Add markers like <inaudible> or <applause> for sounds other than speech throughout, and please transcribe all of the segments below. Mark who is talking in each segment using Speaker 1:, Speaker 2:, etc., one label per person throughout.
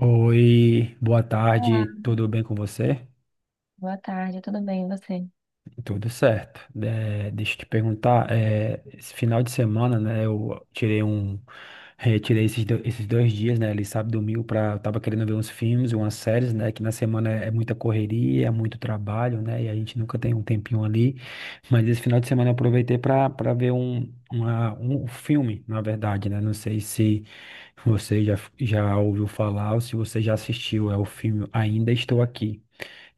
Speaker 1: Oi, boa
Speaker 2: Olá,
Speaker 1: tarde, tudo bem com você?
Speaker 2: boa tarde, tudo bem, e você?
Speaker 1: Tudo certo. Deixa eu te perguntar, esse final de semana, né, eu tirei um, tirei esses, esses 2 dias, né, ali sábado e domingo, pra, eu tava querendo ver uns filmes, umas séries, né, que na semana é muita correria, é muito trabalho, né, e a gente nunca tem um tempinho ali, mas esse final de semana eu aproveitei pra, ver um, um filme, na verdade, né, não sei se você já ouviu falar ou se você já assistiu, é o filme Ainda Estou Aqui.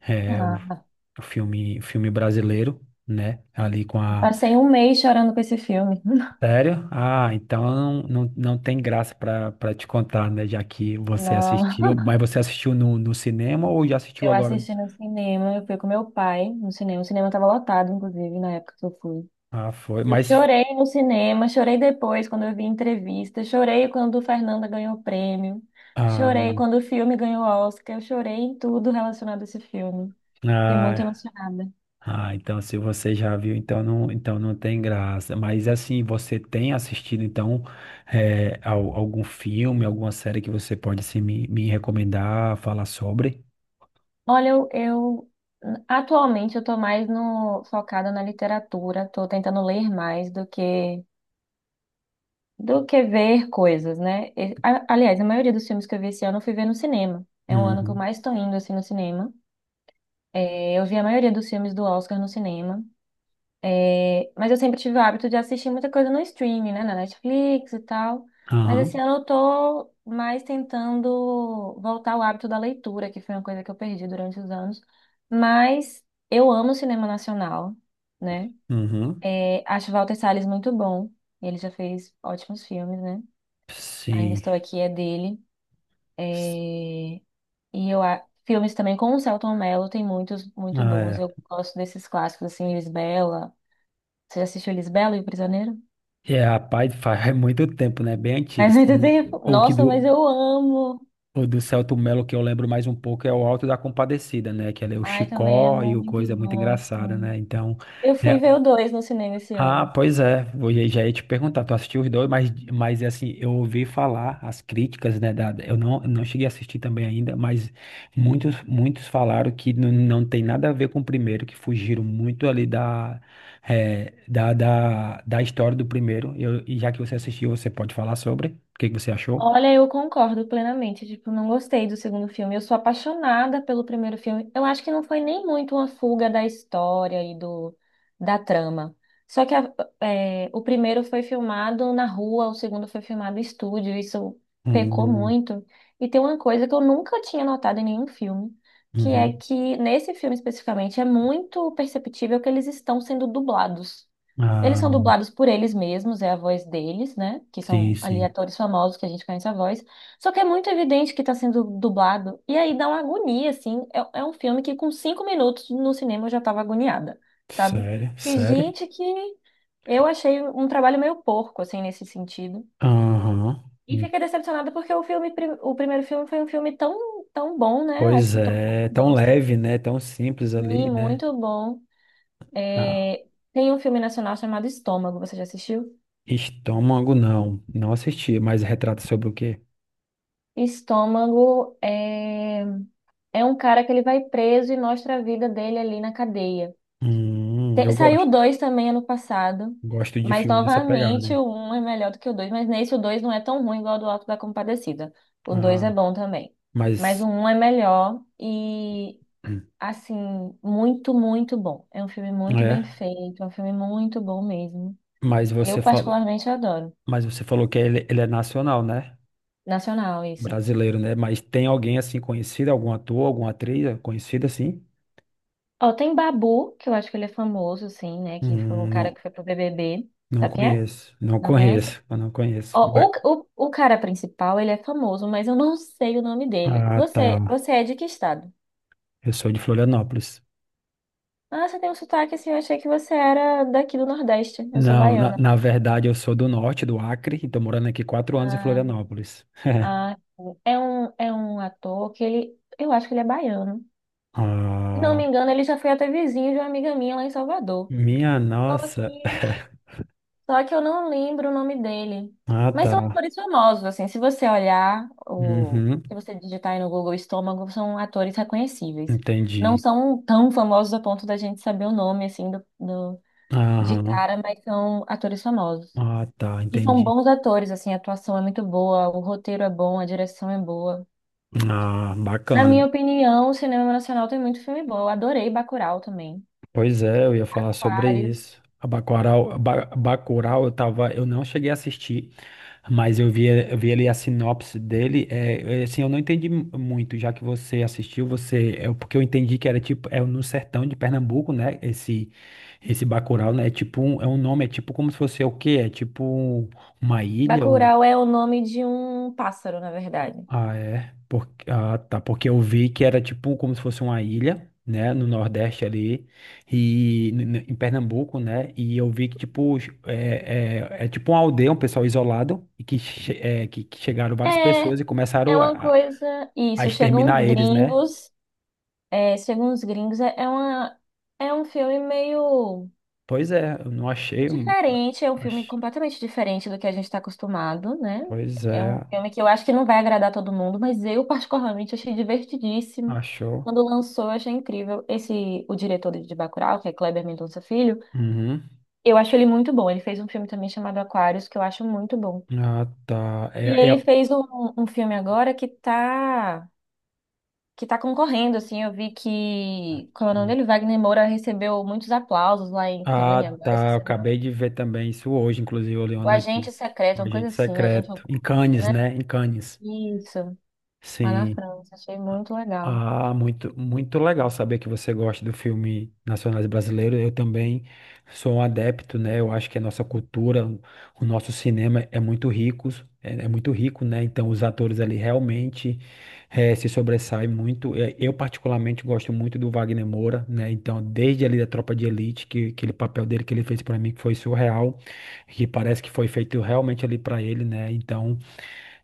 Speaker 1: é, o,
Speaker 2: Ah,
Speaker 1: o filme brasileiro, né? Ali com a.
Speaker 2: passei um mês chorando com esse filme. <laughs>
Speaker 1: Sério? Ah, então não, não, não tem graça pra para te contar, né? Já que você
Speaker 2: Não,
Speaker 1: assistiu, mas você assistiu no, cinema ou já assistiu
Speaker 2: eu
Speaker 1: agora?
Speaker 2: assisti no cinema, eu fui com meu pai no cinema. O cinema estava lotado, inclusive, na época que eu fui.
Speaker 1: Ah, foi.
Speaker 2: Eu
Speaker 1: Mas.
Speaker 2: chorei no cinema, chorei depois quando eu vi entrevista, chorei quando o Fernanda ganhou o prêmio,
Speaker 1: Ah,
Speaker 2: chorei quando o filme ganhou o Oscar, eu chorei em tudo relacionado a esse filme. Fiquei muito
Speaker 1: ah,
Speaker 2: emocionada.
Speaker 1: ah, então se você já viu, então não tem graça. Mas assim, você tem assistido então algum filme, alguma série que você pode assim, me recomendar, falar sobre?
Speaker 2: Olha, atualmente eu tô mais no focada na literatura, tô tentando ler mais do que ver coisas, né? E, aliás, a maioria dos filmes que eu vi esse ano eu fui ver no cinema. É um ano que eu
Speaker 1: Uhum.
Speaker 2: mais tô indo assim no cinema. É, eu vi a maioria dos filmes do Oscar no cinema. É, mas eu sempre tive o hábito de assistir muita coisa no streaming, né? Na Netflix e tal. Mas esse
Speaker 1: Aham.
Speaker 2: ano eu tô mais tentando voltar ao hábito da leitura, que foi uma coisa que eu perdi durante os anos. Mas eu amo cinema nacional, né?
Speaker 1: Uhum.
Speaker 2: É, acho Walter Salles muito bom. Ele já fez ótimos filmes, né? Ainda
Speaker 1: Sim.
Speaker 2: Estou Aqui é dele. É, e eu filmes também com o Selton Mello tem muitos muito
Speaker 1: Ah,
Speaker 2: bons.
Speaker 1: é.
Speaker 2: Eu gosto desses clássicos assim, Lisbela. Você já assistiu Lisbela e o Prisioneiro?
Speaker 1: É, rapaz, faz é muito tempo, né? Bem antigo.
Speaker 2: Mas muito
Speaker 1: Sim.
Speaker 2: tempo.
Speaker 1: O que
Speaker 2: Nossa, mas
Speaker 1: do,
Speaker 2: eu amo.
Speaker 1: o do Celto Melo que eu lembro mais um pouco é o Alto da Compadecida, né? Que ali é o
Speaker 2: Ai, também é
Speaker 1: Chicó e o
Speaker 2: muito
Speaker 1: coisa é muito
Speaker 2: bom,
Speaker 1: engraçada,
Speaker 2: assim.
Speaker 1: né? Então,
Speaker 2: Eu fui
Speaker 1: é,
Speaker 2: ver o dois no cinema esse
Speaker 1: ah,
Speaker 2: ano.
Speaker 1: pois é, já ia te perguntar, tu assistiu os dois, mas, assim, eu ouvi falar as críticas, né, da, eu não, não cheguei a assistir também ainda, mas muitos, falaram que não, não tem nada a ver com o primeiro, que fugiram muito ali da, da história do primeiro. E já que você assistiu, você pode falar sobre, o que que você achou?
Speaker 2: Olha, eu concordo plenamente. Tipo, não gostei do segundo filme. Eu sou apaixonada pelo primeiro filme. Eu acho que não foi nem muito uma fuga da história e do da trama. Só que o primeiro foi filmado na rua, o segundo foi filmado em estúdio. Isso pecou
Speaker 1: Hum,
Speaker 2: muito. E tem uma coisa que eu nunca tinha notado em nenhum filme, que é
Speaker 1: uhum.
Speaker 2: que nesse filme especificamente é muito perceptível que eles estão sendo dublados. Eles
Speaker 1: Ah,
Speaker 2: são dublados por eles mesmos, é a voz deles, né? Que
Speaker 1: sim,
Speaker 2: são ali
Speaker 1: sim,
Speaker 2: atores famosos que a gente conhece a voz. Só que é muito evidente que está sendo dublado. E aí dá uma agonia, assim. É um filme que com cinco minutos no cinema eu já estava agoniada, sabe?
Speaker 1: sério,
Speaker 2: E
Speaker 1: sério?
Speaker 2: gente que eu achei um trabalho meio porco, assim, nesse sentido.
Speaker 1: Aham.
Speaker 2: E fiquei decepcionada porque o filme, o primeiro filme foi um filme tão, tão bom, né? Acho
Speaker 1: Pois
Speaker 2: que todo mundo
Speaker 1: é, tão
Speaker 2: gosta.
Speaker 1: leve, né? Tão simples
Speaker 2: E
Speaker 1: ali, né?
Speaker 2: muito bom.
Speaker 1: Ah,
Speaker 2: É, tem um filme nacional chamado Estômago, você já assistiu?
Speaker 1: estômago não, não assisti, mas retrata sobre o quê?
Speaker 2: Estômago é um cara que ele vai preso e mostra a vida dele ali na cadeia.
Speaker 1: Hum, eu
Speaker 2: Saiu o
Speaker 1: gosto,
Speaker 2: dois também ano passado,
Speaker 1: gosto de
Speaker 2: mas
Speaker 1: filme nessa
Speaker 2: novamente
Speaker 1: pegada.
Speaker 2: o um é melhor do que o dois, mas nesse o dois não é tão ruim igual ao do Alto da Compadecida. O dois
Speaker 1: Ah,
Speaker 2: é bom também, mas
Speaker 1: mas
Speaker 2: o um é melhor e, assim, muito, muito bom. É um filme muito bem
Speaker 1: é,
Speaker 2: feito, é um filme muito bom mesmo.
Speaker 1: mas
Speaker 2: Eu
Speaker 1: você falou,
Speaker 2: particularmente adoro.
Speaker 1: que ele é nacional, né?
Speaker 2: Nacional, isso.
Speaker 1: Brasileiro, né? Mas tem alguém assim conhecido, algum ator, alguma atriz conhecida assim?
Speaker 2: Ó, tem Babu, que eu acho que ele é famoso, assim, né? Que foi um cara
Speaker 1: Não,
Speaker 2: que foi pro BBB.
Speaker 1: não
Speaker 2: Sabe quem é?
Speaker 1: conheço, não
Speaker 2: Não conhece?
Speaker 1: conheço, eu não conheço.
Speaker 2: Ó, o cara principal, ele é famoso, mas eu não sei o nome dele.
Speaker 1: Ah,
Speaker 2: Você,
Speaker 1: tá.
Speaker 2: você é de que estado?
Speaker 1: Eu sou de Florianópolis.
Speaker 2: Ah, você tem um sotaque assim, eu achei que você era daqui do Nordeste. Eu sou
Speaker 1: Não, na,
Speaker 2: baiana.
Speaker 1: verdade eu sou do norte, do Acre, e tô morando aqui 4 anos em
Speaker 2: Ah,
Speaker 1: Florianópolis. <laughs>
Speaker 2: ah, é um ator que ele, eu acho que ele é baiano. Se não
Speaker 1: Ah,
Speaker 2: me engano, ele já foi até vizinho de uma amiga minha lá em Salvador.
Speaker 1: minha
Speaker 2: Fala aqui.
Speaker 1: nossa. <laughs>
Speaker 2: Só que eu não lembro o nome dele.
Speaker 1: Ah,
Speaker 2: Mas
Speaker 1: tá.
Speaker 2: são atores famosos, assim. Se você olhar, o
Speaker 1: Uhum,
Speaker 2: se você digitar aí no Google Estômago, são atores reconhecíveis. Não
Speaker 1: entendi.
Speaker 2: são tão famosos a ponto da gente saber o nome, assim, de
Speaker 1: Aham.
Speaker 2: cara, mas são atores famosos.
Speaker 1: Ah, tá,
Speaker 2: E são
Speaker 1: entendi.
Speaker 2: bons atores, assim. A atuação é muito boa, o roteiro é bom, a direção é boa.
Speaker 1: Ah,
Speaker 2: Na
Speaker 1: bacana.
Speaker 2: minha opinião, o cinema nacional tem muito filme bom. Eu adorei Bacurau também.
Speaker 1: Pois é, eu ia falar sobre
Speaker 2: Aquários.
Speaker 1: isso. A Bacurau, Bacurau, eu não cheguei a assistir. Mas eu vi, ali a sinopse dele, assim, eu não entendi muito, já que você assistiu, é porque eu entendi que era tipo, é no sertão de Pernambuco, né, esse, Bacurau, né, é um nome, é tipo como se fosse é o quê? É tipo uma ilha,
Speaker 2: Bacurau é o nome de um pássaro, na verdade.
Speaker 1: é. Ah, tá. Porque eu vi que era tipo como se fosse uma ilha, né? No Nordeste ali. E em Pernambuco, né? E eu vi que, tipo, é tipo uma aldeia, um pessoal isolado, que chegaram várias
Speaker 2: É,
Speaker 1: pessoas e
Speaker 2: É
Speaker 1: começaram
Speaker 2: uma
Speaker 1: a
Speaker 2: coisa.
Speaker 1: a
Speaker 2: Isso, chegam uns
Speaker 1: exterminar eles, né?
Speaker 2: gringos. É, chegam uns gringos. É, é um filme meio
Speaker 1: Pois é, eu não achei.
Speaker 2: diferente. É um filme
Speaker 1: Ach-
Speaker 2: completamente diferente do que a gente está acostumado, né?
Speaker 1: Pois
Speaker 2: É
Speaker 1: é,
Speaker 2: um filme que eu acho que não vai agradar todo mundo, mas eu, particularmente, achei divertidíssimo.
Speaker 1: achou.
Speaker 2: Quando lançou, eu achei incrível. Esse, o diretor de Bacurau, que é Kleber Mendonça Filho,
Speaker 1: Uhum.
Speaker 2: eu acho ele muito bom. Ele fez um filme também chamado Aquários, que eu acho muito bom.
Speaker 1: Ah, tá.
Speaker 2: E ele fez um filme agora que tá. Que tá concorrendo, assim, eu vi que, como é o nome dele,
Speaker 1: É...
Speaker 2: Wagner Moura recebeu muitos aplausos lá em Cannes
Speaker 1: Ah,
Speaker 2: agora essa
Speaker 1: tá. Eu
Speaker 2: semana.
Speaker 1: acabei de ver também isso hoje, inclusive, eu li uma
Speaker 2: O Agente
Speaker 1: notícia.
Speaker 2: Secreto,
Speaker 1: Um
Speaker 2: uma coisa
Speaker 1: agente
Speaker 2: assim, Agente
Speaker 1: secreto. Em
Speaker 2: Oculto,
Speaker 1: Cannes,
Speaker 2: né?
Speaker 1: né? Em Cannes.
Speaker 2: Isso, lá na
Speaker 1: Sim.
Speaker 2: França, achei muito legal.
Speaker 1: Ah, muito, muito legal saber que você gosta do filme nacionais brasileiro. Eu também sou um adepto, né? Eu acho que a nossa cultura, o nosso cinema é muito rico, é muito rico, né? Então os atores ali realmente se sobressaem muito. Eu particularmente gosto muito do Wagner Moura, né? Então desde ali da Tropa de Elite, que aquele papel dele que ele fez para mim que foi surreal, que parece que foi feito realmente ali para ele, né? Então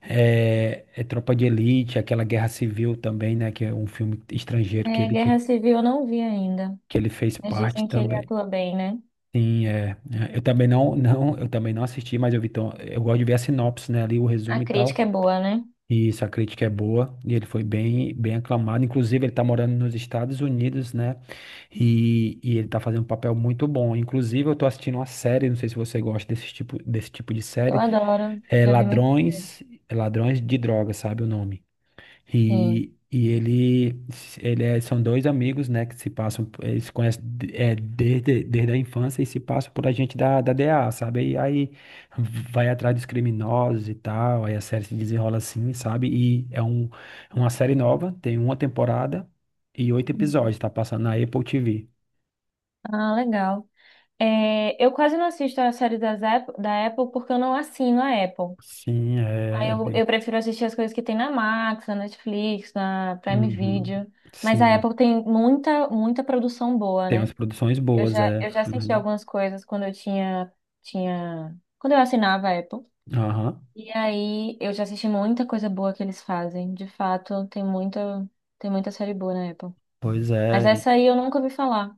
Speaker 1: é Tropa de Elite, aquela Guerra Civil também, né? Que é um filme estrangeiro
Speaker 2: É, Guerra Civil eu não vi ainda.
Speaker 1: que ele fez
Speaker 2: Eles
Speaker 1: parte
Speaker 2: dizem que ele
Speaker 1: também.
Speaker 2: atua bem, né?
Speaker 1: Sim, é. Eu também não, não, eu também não assisti, mas eu vi, eu gosto de ver a sinopse, né? Ali o
Speaker 2: A
Speaker 1: resumo e
Speaker 2: crítica
Speaker 1: tal.
Speaker 2: é boa, né?
Speaker 1: E isso, a crítica é boa. E ele foi bem, bem aclamado. Inclusive, ele tá morando nos Estados Unidos, né? E ele tá fazendo um papel muito bom. Inclusive, eu tô assistindo uma série, não sei se você gosta desse tipo, de
Speaker 2: Eu
Speaker 1: série.
Speaker 2: adoro,
Speaker 1: É
Speaker 2: já vi muitas vezes.
Speaker 1: Ladrões, Ladrões de Drogas, sabe o nome?
Speaker 2: Sim.
Speaker 1: E são dois amigos, né, que se passam, eles se conhecem desde, a infância e se passam por agente da, DEA, sabe? E aí vai atrás dos criminosos e tal, aí a série se desenrola assim, sabe? E é um, é uma série nova, tem uma temporada e oito episódios,
Speaker 2: Uhum.
Speaker 1: tá passando na Apple TV.
Speaker 2: Ah, legal. É, eu quase não assisto a série da Apple porque eu não assino a Apple.
Speaker 1: Sim,
Speaker 2: Aí
Speaker 1: é
Speaker 2: eu,
Speaker 1: bem.
Speaker 2: eu prefiro assistir as coisas que tem na Max, na Netflix, na Prime
Speaker 1: Uhum.
Speaker 2: Video. Mas a
Speaker 1: Sim,
Speaker 2: Apple tem muita, muita produção boa,
Speaker 1: tem
Speaker 2: né?
Speaker 1: umas produções
Speaker 2: Eu
Speaker 1: boas,
Speaker 2: já,
Speaker 1: é.
Speaker 2: eu já assisti
Speaker 1: Uhum.
Speaker 2: algumas coisas quando eu tinha, quando eu assinava a Apple.
Speaker 1: Aham.
Speaker 2: E aí eu já assisti muita coisa boa que eles fazem. De fato, tem muita série boa na Apple.
Speaker 1: Pois
Speaker 2: Mas
Speaker 1: é.
Speaker 2: essa aí eu nunca ouvi falar.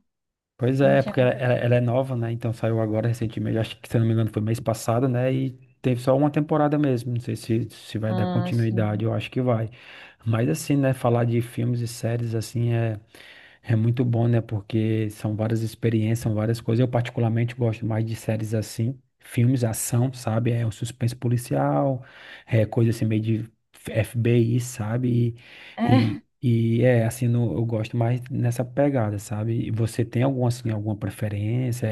Speaker 1: Pois
Speaker 2: Não
Speaker 1: é,
Speaker 2: tinha.
Speaker 1: porque ela, é nova, né? Então saiu agora recentemente, acho que se eu não me engano foi mês passado, né? E teve só uma temporada mesmo. Não sei se vai dar
Speaker 2: Ah,
Speaker 1: continuidade,
Speaker 2: sim.
Speaker 1: eu acho que vai. Mas assim, né? Falar de filmes e séries assim é muito bom, né? Porque são várias experiências, são várias coisas. Eu particularmente gosto mais de séries assim, filmes, ação, sabe? É um suspense policial, é coisa assim meio de FBI, sabe?
Speaker 2: É,
Speaker 1: E é assim, eu gosto mais nessa pegada, sabe? E você tem alguma assim, alguma preferência?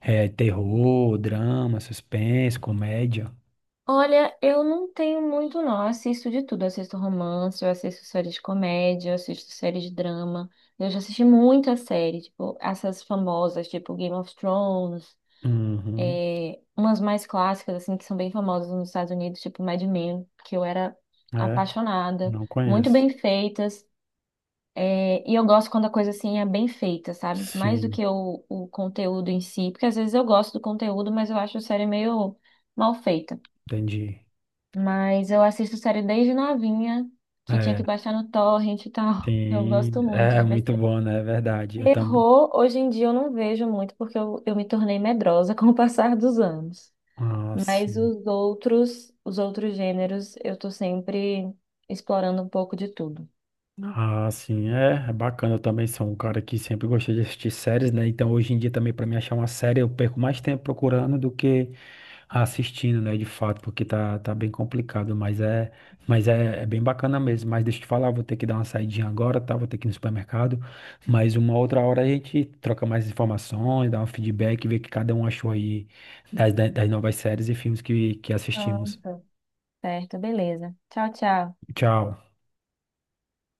Speaker 1: É terror, drama, suspense, comédia?
Speaker 2: olha, eu não tenho muito, não. Eu assisto de tudo. Eu assisto romance, eu assisto séries de comédia, eu assisto séries de drama. Eu já assisti muita série, tipo, essas famosas, tipo Game of Thrones,
Speaker 1: Uhum.
Speaker 2: umas mais clássicas, assim, que são bem famosas nos Estados Unidos, tipo Mad Men, que eu era
Speaker 1: É,
Speaker 2: apaixonada.
Speaker 1: não
Speaker 2: Muito
Speaker 1: conheço.
Speaker 2: bem feitas. E eu gosto quando a coisa, assim, é bem feita, sabe? Mais do
Speaker 1: Sim,
Speaker 2: que o conteúdo em si, porque às vezes eu gosto do conteúdo, mas eu acho a série meio mal feita.
Speaker 1: entendi.
Speaker 2: Mas eu assisto série desde novinha, que tinha
Speaker 1: É.
Speaker 2: que baixar no torrent e tal. <laughs> Eu
Speaker 1: Sim,
Speaker 2: gosto muito
Speaker 1: é
Speaker 2: de ver
Speaker 1: muito
Speaker 2: série.
Speaker 1: bom, né? É verdade. Eu também.
Speaker 2: Terror, hoje em dia eu não vejo muito, porque eu me tornei medrosa <laughs> com o passar dos anos.
Speaker 1: Ah,
Speaker 2: Mas
Speaker 1: sim.
Speaker 2: os outros gêneros, eu tô sempre explorando um pouco de tudo.
Speaker 1: Ah, sim, é bacana. Eu também sou um cara que sempre gostei de assistir séries, né? Então, hoje em dia, também, para me achar uma série, eu perco mais tempo procurando do que assistindo, né? De fato, porque tá bem complicado. Mas é bem bacana mesmo. Mas deixa eu te falar, vou ter que dar uma saidinha agora, tá? Vou ter que ir no supermercado. Mas uma outra hora a gente troca mais informações, dá um feedback, vê o que cada um achou aí das, das novas séries e filmes que assistimos.
Speaker 2: Pronto. Certo, beleza. Tchau, tchau.
Speaker 1: Tchau.